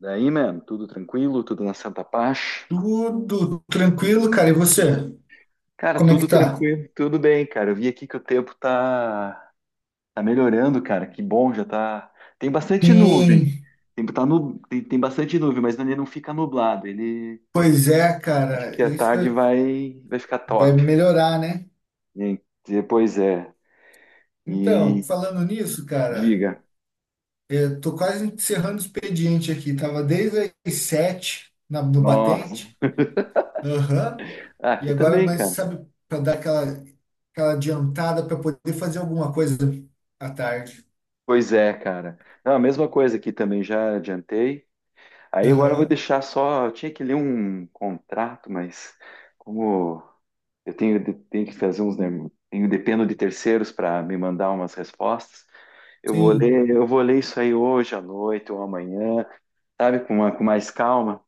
Daí, mano, tudo tranquilo, tudo na santa paz. Tudo tranquilo, cara. E você? Cara, Como é que tudo tá? tranquilo, tudo bem, cara. Eu vi aqui que o tempo tá melhorando, cara. Que bom, já tá. Tem bastante nuvem. Sim, Tem, tá nu... tem, tem bastante nuvem, mas ele não fica nublado. Ele pois é, acho cara. que É à isso que tarde vai ficar vai top. melhorar, né? E depois é. Então, E falando nisso, cara, diga. eu tô quase encerrando o expediente aqui. Tava desde as sete no Nossa. batente. Aham. Ah, E aqui agora, também, mas cara. sabe, para dar aquela adiantada para poder fazer alguma coisa à tarde. Pois é, cara. Não, a mesma coisa aqui também já adiantei. Aí agora eu vou Aham. deixar só. Eu tinha que ler um contrato, mas como eu tenho que fazer tenho, dependo de terceiros para me mandar umas respostas. Eu vou Sim, ler, eu vou ler isso aí hoje à noite ou amanhã, sabe? Com mais calma.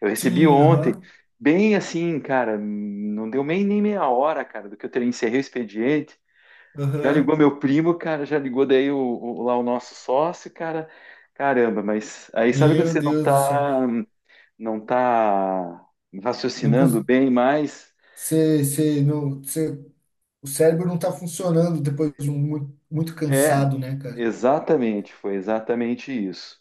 Eu recebi sim, ontem, aham, bem assim, cara, não deu nem meia hora, cara, do que eu encerrei o expediente. Já aham. ligou meu primo, cara, já ligou daí lá o nosso sócio, cara. Caramba, mas aí sabe quando Meu você não Deus do tá céu. não está Não, raciocinando bem, mas você não, você, o cérebro não está funcionando depois de um muito, muito é, cansado, né, cara? exatamente, foi exatamente isso.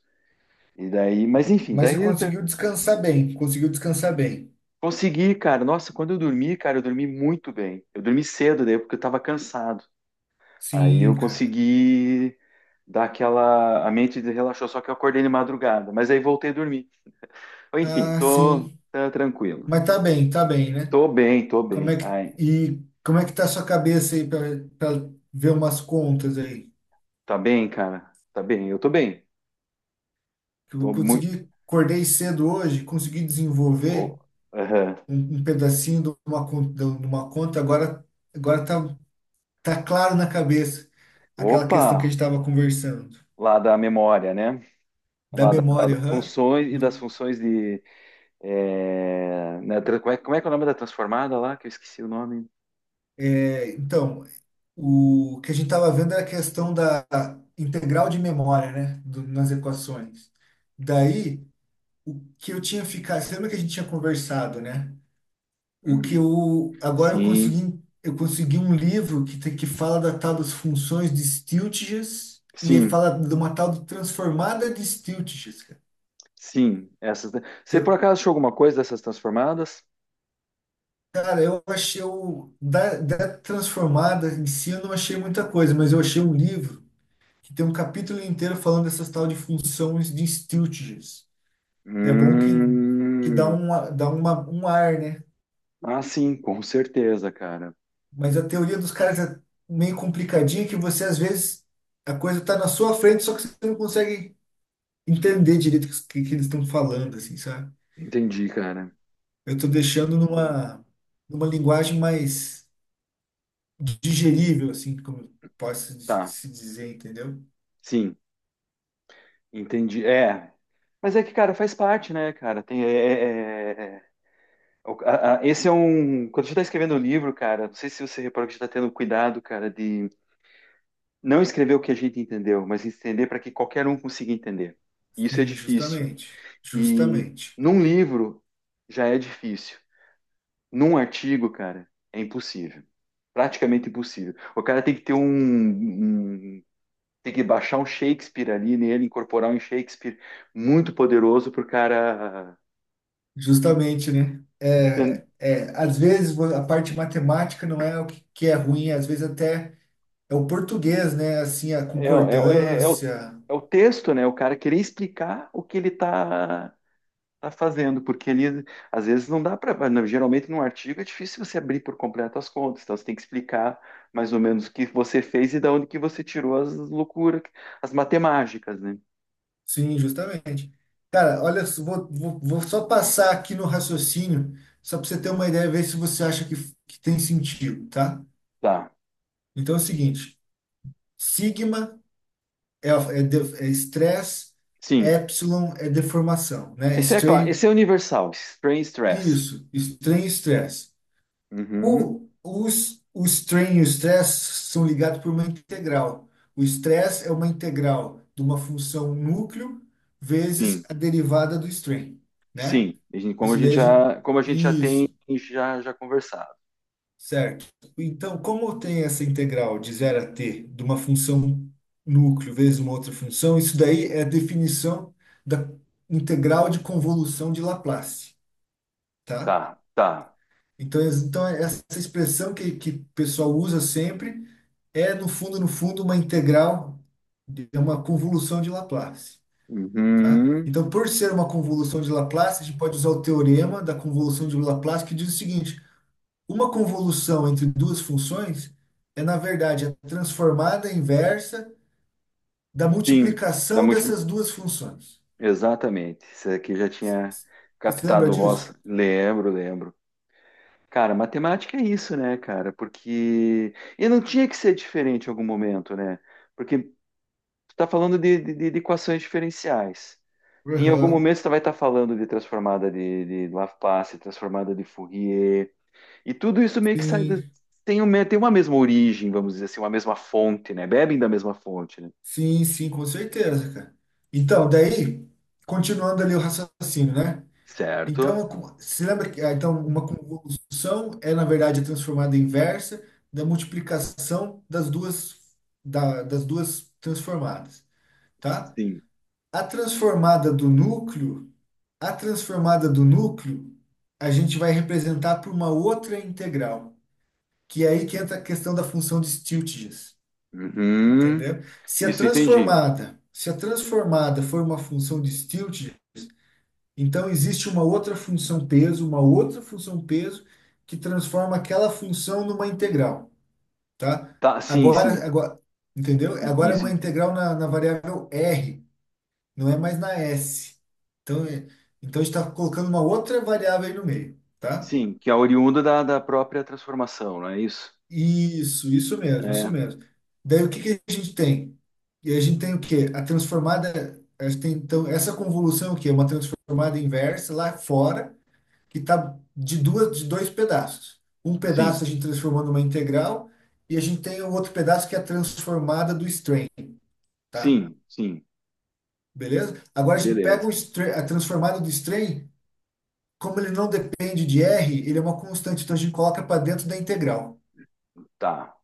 E daí, mas enfim, Mas você daí tá, conseguiu descansar bem. consegui, cara. Nossa, quando eu dormi, cara, eu dormi muito bem. Eu dormi cedo, daí porque eu estava cansado. Aí Sim, eu cara. consegui dar aquela, a mente relaxou, só que eu acordei de madrugada, mas aí voltei a dormir. Enfim, Ah, tô sim. tá tranquilo. Mas tá bem, né? Tô bem, tô Como é bem. que, Ai, e como é que tá a sua cabeça aí para ver umas contas aí? tá bem, cara. Tá bem, eu tô bem. Que eu Tô muito. consegui, acordei cedo hoje, consegui Ô, desenvolver aham. Um pedacinho de de uma conta, agora tá, tá claro na cabeça aquela questão que a Opa! gente estava conversando. Lá da memória, né? Da Lá memória, das aham. funções e das Do- funções de. É, né, como é que é o nome da transformada lá? Que eu esqueci o nome. é, então, o que a gente estava vendo era a questão da integral de memória, né? Nas equações. Daí, o que eu tinha ficado, você lembra que a gente tinha conversado, né? O que Hum, eu, agora sim, eu consegui um livro que fala da tal das funções de Stieltjes e ele sim, fala de uma tal de transformada de Stieltjes, cara. sim. Essas, né? Que Você por eu- acaso achou alguma coisa dessas transformadas? Cara, eu achei da transformada em si eu não achei muita coisa, mas eu achei um livro que tem um capítulo inteiro falando dessas tal de funções de Stieltjes. É bom que dá, Hum, dá um ar, né? ah, sim, com certeza, cara. Mas a teoria dos caras é meio complicadinha que você, às vezes, a coisa tá na sua frente, só que você não consegue entender direito que eles estão falando, assim, sabe? Entendi, cara. Eu tô deixando numa linguagem mais digerível, assim, como eu posso Tá, se dizer, entendeu? sim, entendi. É. Mas é que, cara, faz parte, né, cara? Tem, é, é, é, é, é. Esse é um. Quando a gente está escrevendo um livro, cara, não sei se você reparou que a gente está tendo cuidado, cara, de não escrever o que a gente entendeu, mas entender para que qualquer um consiga entender. E isso é Sim, difícil. justamente. E Justamente. num livro já é difícil. Num artigo, cara, é impossível. Praticamente impossível. O cara tem que ter tem que baixar um Shakespeare ali nele, incorporar um Shakespeare muito poderoso para o cara. Justamente, né? É, é, às vezes a parte matemática não é o que que é ruim, às vezes até é o português, né? Assim, a É, é, é, é o, concordância. é o texto, né? O cara querer explicar o que ele tá fazendo, porque ele, às vezes, não dá para. Geralmente, num artigo, é difícil você abrir por completo as contas, então você tem que explicar mais ou menos o que você fez e da onde que você tirou as loucuras, as matemáticas, né? Sim, justamente. Cara, olha, só, vou só passar aqui no raciocínio, só para você ter uma ideia, ver se você acha que tem sentido, tá? Tá, Então é o seguinte: sigma é estresse, sim. epsilon é deformação, né? Esse é claro, Strain, esse é universal, strain stress. isso, strain e estresse. Uhum, O strain e o stress são ligados por uma integral. O stress é uma integral de uma função núcleo vezes sim, a derivada do strain, né? sim. Como a Isso gente daí a gente... já, como a gente já tem Isso, já conversado. certo. Então, como tem essa integral de zero a t de uma função núcleo vezes uma outra função, isso daí é a definição da integral de convolução de Laplace, tá? Tá, tá. Então, essa expressão que o pessoal usa sempre é, no fundo, no fundo, uma integral, é uma convolução de Laplace. Tá? Uhum. Então, por ser uma convolução de Laplace, a gente pode usar o teorema da convolução de Laplace, que diz o seguinte: uma convolução entre duas funções é, na verdade, a transformada inversa da Sim, da multiplicação multi... dessas duas funções. exatamente. Isso aqui já tinha Você se lembra captado o vosso. disso? Lembro, lembro. Cara, matemática é isso, né, cara? Porque. E não tinha que ser diferente em algum momento, né? Porque tu tá falando de equações diferenciais. Em algum Aham. momento você vai estar falando de transformada de Laplace, transformada de Fourier. E tudo isso meio que sai. Sim. Tem uma mesma origem, vamos dizer assim, uma mesma fonte, né? Bebem da mesma fonte, né? Sim, sim, com certeza, cara. Então, daí, continuando ali o raciocínio, né? Certo? Então, se lembra que ah, então, uma convolução é, na verdade, a transformada inversa da multiplicação das das duas transformadas, tá? Sim. A transformada do núcleo, a transformada do núcleo, a gente vai representar por uma outra integral, que é aí que entra a questão da função de Stieltjes. Uhum. Entendeu? Isso entendi. Se a transformada for uma função de Stilt, então existe uma outra uma outra função peso que transforma aquela função numa integral, tá? Tá, sim, sim. Agora, entendeu? Sim, Agora é isso, uma integral na variável R, não é mais na S. Então, então a gente está colocando uma outra variável aí no meio, tá? sim, que é oriunda da própria transformação, não é isso? Isso, É, isso mesmo. Daí o que que a gente tem? E a gente tem o quê? A transformada, a gente tem, então, essa convolução é o quê? É uma transformada inversa lá fora, que está de dois pedaços. Um sim, pedaço a gente transformou numa integral e a gente tem o outro pedaço que é a transformada do strain, tá? sim, sim. Beleza? Agora a gente pega o Beleza. strain, a transformada do strain, como ele não depende de R, ele é uma constante, então a gente coloca para dentro da integral, Tá.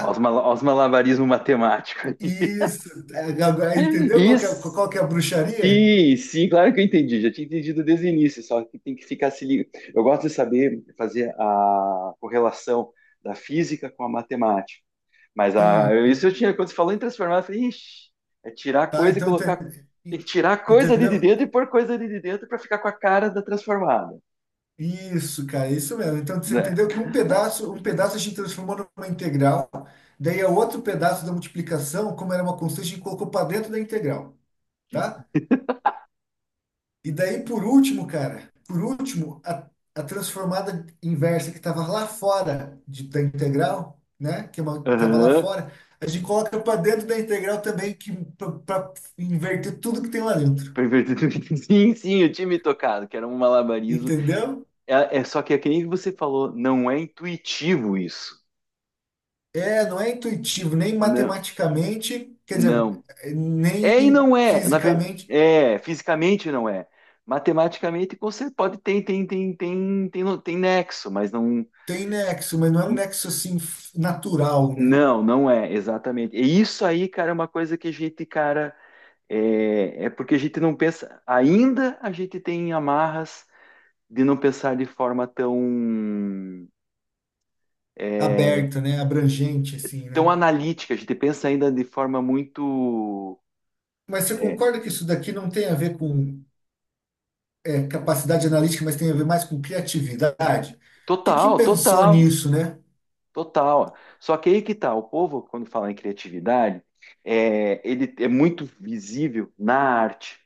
Olha os mala- olha os malabarismo matemático aí. Isso, é, agora entendeu qual que Isso. qual que é a bruxaria? Sim, sim, claro que eu entendi. Já tinha entendido desde o início, só que tem que ficar se ligando. Eu gosto de saber fazer a correlação da física com a matemática. Mas a, Sim, isso eu tinha, quando você falou em transformar, eu falei, ixi, é tirar tá? coisa e Então, colocar. Tem que tirar coisa ali de entendeu? dentro e pôr coisa ali de dentro para ficar com a cara da transformada, Isso, cara, isso mesmo. Então, você né? entendeu que um um pedaço a gente transformou numa integral, daí é outro pedaço da multiplicação, como era uma constante, a gente colocou para dentro da integral, tá? E daí, por último, cara, por a transformada inversa que estava lá fora da integral, né? Que estava Aham. lá fora, a gente coloca para dentro da integral também, que para inverter tudo que tem lá dentro. Sim, sim, eu tinha me tocado, que era um malabarismo. Entendeu? É só que é que nem você falou, não é intuitivo isso. É, não é intuitivo, nem Não, matematicamente, quer dizer, não. nem É e não é. Fisicamente. É, fisicamente não é. Matematicamente, você pode tem nexo, mas não. Tem nexo, mas não é um nexo assim natural, né? Não, não é, exatamente. E isso aí, cara, é uma coisa que a gente, cara, é porque a gente não pensa, ainda a gente tem amarras de não pensar de forma tão, é, Aberto, né? Abrangente, assim, tão né? analítica, a gente pensa ainda de forma muito Mas você concorda que isso daqui não tem a ver com é, capacidade analítica, mas tem a ver mais com criatividade. Quem que total, pensou total, nisso, né? total. Só que aí que tá, o povo, quando fala em criatividade, é, ele é muito visível na arte.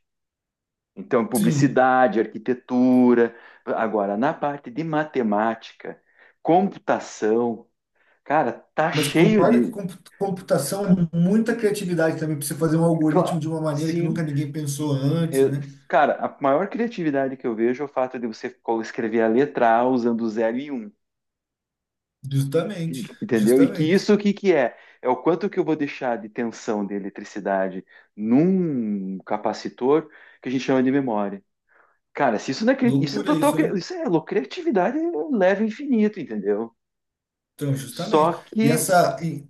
Então, Sim, publicidade, arquitetura. Agora, na parte de matemática, computação, cara, tá mas cheio concorda que de. Computação é muita criatividade também para você fazer um algoritmo Cla- de uma maneira que nunca Sim. ninguém pensou antes, Eu- né? cara, a maior criatividade que eu vejo é o fato de você escrever a letra A usando zero e um, Justamente, entendeu? E que isso justamente. o que que é? É o quanto que eu vou deixar de tensão de eletricidade num capacitor que a gente chama de memória. Cara, se isso não é, isso é Loucura total, isso, né? Isso é criatividade leva infinito, entendeu? Então, Só justamente. E que, essa e,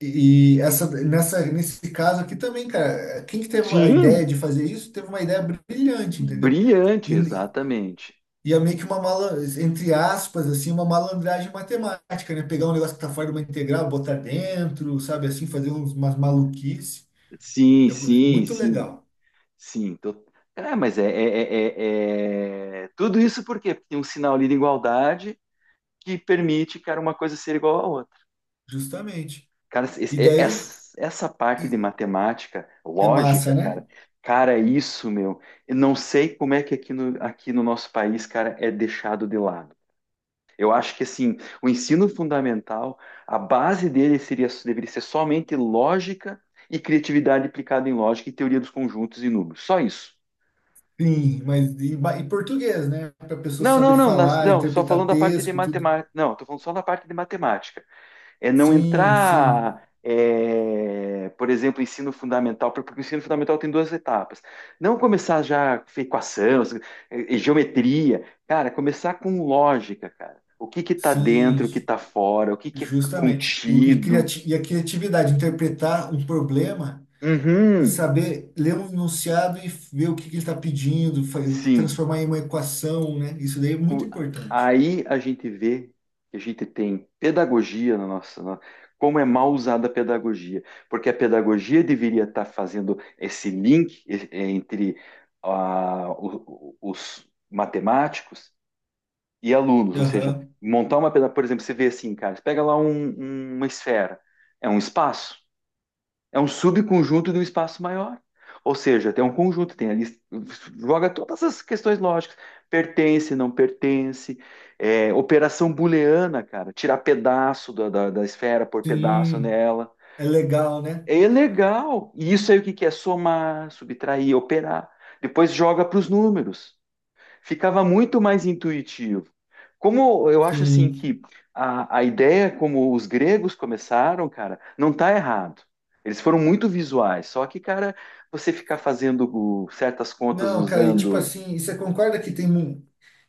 e essa nessa nesse caso aqui também, cara, quem que teve a ideia sim, de fazer isso, teve uma ideia brilhante, entendeu? brilhante, E, exatamente. e é meio que uma mala, entre aspas, assim, uma malandragem matemática, né? Pegar um negócio que tá fora de uma integral, botar dentro, sabe assim, fazer uns, umas maluquices. Sim, É sim, muito sim, legal, sim. É, mas tudo isso por quê? Porque tem um sinal ali de igualdade que permite, cara, uma coisa ser igual à outra. justamente. Cara, E esse- é- daí essa, essa parte de e- matemática, é lógica, massa, cara, né? cara, é isso, meu, eu não sei como é que aqui no nosso país, cara, é deixado de lado. Eu acho que assim, o ensino fundamental, a base dele seria, deveria ser somente lógica e criatividade aplicada em lógica e teoria dos conjuntos e números. Só isso. Sim, e português, né? Para a pessoa Não, não, saber não, falar, não, só interpretar falando da parte de texto, tudo. matemática. Não, estou falando só da parte de matemática. É não Sim, sim, entrar, é, por exemplo, ensino fundamental, porque o ensino fundamental tem duas etapas. Não começar já com equação, geometria, cara, começar com lógica, cara. O que que tá sim, dentro, o que tá fora, o que que é justamente. E, contido. criati e a criatividade, interpretar um problema e Uhum, saber ler um enunciado e ver o que ele está pedindo, sim. transformar em uma equação, né? Isso daí é muito O- importante. Aí a gente vê que a gente tem pedagogia na nossa, como é mal usada a pedagogia, porque a pedagogia deveria estar fazendo esse link entre os matemáticos e alunos, ou seja, Aham. montar uma pedagogia, por exemplo, você vê assim, cara, você pega lá uma esfera, é um espaço, é um subconjunto de um espaço maior. Ou seja, tem um conjunto, tem ali, joga todas as questões lógicas. Pertence, não pertence. É, operação booleana, cara. Tirar pedaço da esfera, pôr pedaço Sim, nela. é legal, né? É legal. E isso aí o que que é? Somar, subtrair, operar. Depois joga para os números, ficava muito mais intuitivo. Como eu acho assim Sim. que a ideia como os gregos começaram, cara, não tá errado. Eles foram muito visuais, só que, cara, você ficar fazendo certas contas Não, cara, e tipo usando. assim, e você concorda que tem um.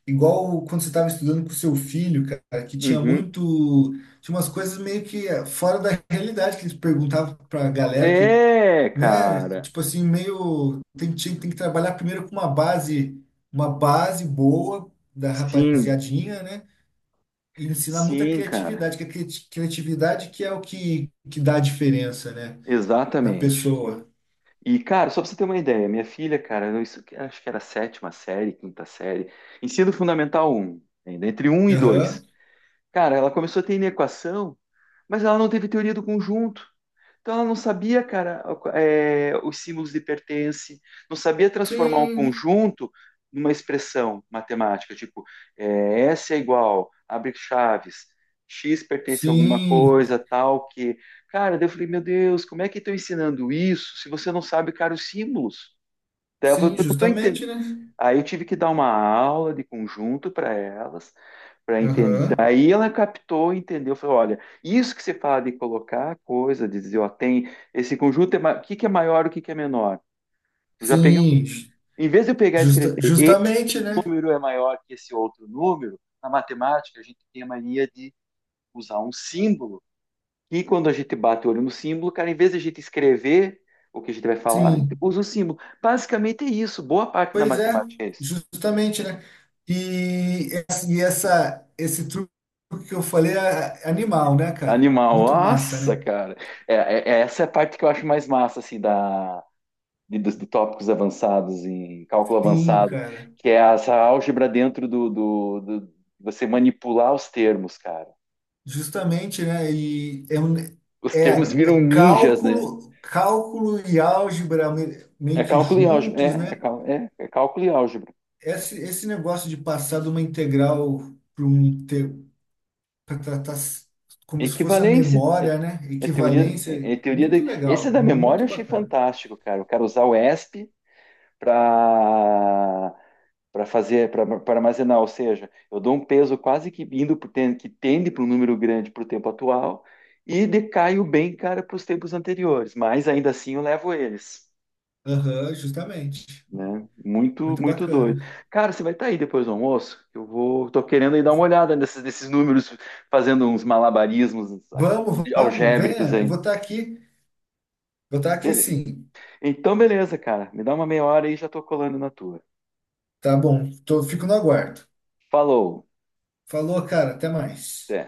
Igual quando você estava estudando com seu filho, cara, que tinha Uhum. muito. Tinha umas coisas meio que fora da realidade, que eles perguntavam pra galera É, né? cara. Tipo assim, meio. Tem, tem que trabalhar primeiro com uma base boa da Sim, rapaziadinha, né? e ensinar muita sim, cara. criatividade, que a criatividade que é o que dá a diferença, né, na Exatamente. pessoa. E, cara, só pra você ter uma ideia, minha filha, cara, acho que era a sétima série, quinta série, ensino fundamental um ainda, entre um e dois. Aham. Cara, ela começou a ter inequação. Mas ela não teve teoria do conjunto. Então ela não sabia, cara, é, os símbolos de pertence, não sabia transformar um Sim, conjunto numa expressão matemática, tipo, é, S é igual, abre chaves, X pertence a alguma sim, coisa, tal, que. Cara, daí eu falei, meu Deus, como é que estão ensinando isso se você não sabe, cara, os símbolos? Daí ela falou, sim, eu não tô justamente, entendendo. né? Aí eu tive que dar uma aula de conjunto para elas, para entender. Aham. Daí ela captou, entendeu, falou: olha, isso que você fala de colocar coisa, de dizer, ó, tem esse conjunto, o que que é maior, o que que é menor? Eu já peguei, Sim, em vez de eu pegar e escrever, justa, esse justamente, né? número é maior que esse outro número, na matemática a gente tem a mania de usar um símbolo, e quando a gente bate o olho no símbolo, cara, em vez de a gente escrever o que a gente vai falar, a gente Sim, usa o símbolo. Basicamente é isso, boa parte da pois é, matemática é isso. justamente, né? E, e essa, esse truque que eu falei é é animal, né, cara? Animal, Muito massa, nossa, né? cara. Essa é a parte que eu acho mais massa, assim, da, de, dos de tópicos avançados em cálculo Sim, avançado, cara. que é essa álgebra dentro você manipular os termos, cara. Justamente, né? E é, Os é, termos viram é ninjas, né? cálculo, cálculo e álgebra É meio que cálculo e álgebra. É, juntos, é, né? cal- é, é cálculo e álgebra. Esse negócio de passar de uma integral para um para tratar como se fosse a Equivalência. É, memória, né? é, teoria, Equivalência, é teoria da... muito Esse é legal, da memória, eu muito achei bacana. fantástico, cara. O cara usar o ESP para para fazer, para armazenar, ou seja, eu dou um peso quase que indo que tende para um número grande para o tempo atual e decaio bem, cara, para os tempos anteriores, mas ainda assim eu levo eles, Aham, justamente. né? Muito, Muito muito doido. bacana. Cara, você vai estar aí depois do almoço? Eu vou, tô querendo aí dar uma olhada nesses números, fazendo uns malabarismos Vamos, vamos, algébricos venha. Eu aí. vou estar aqui. Vou estar aqui Beleza. sim. Então, beleza, cara. Me dá uma meia hora aí e já tô colando na tua. Tá bom. Tô, fico no aguardo. Falou. Falou, cara. Até mais. Até.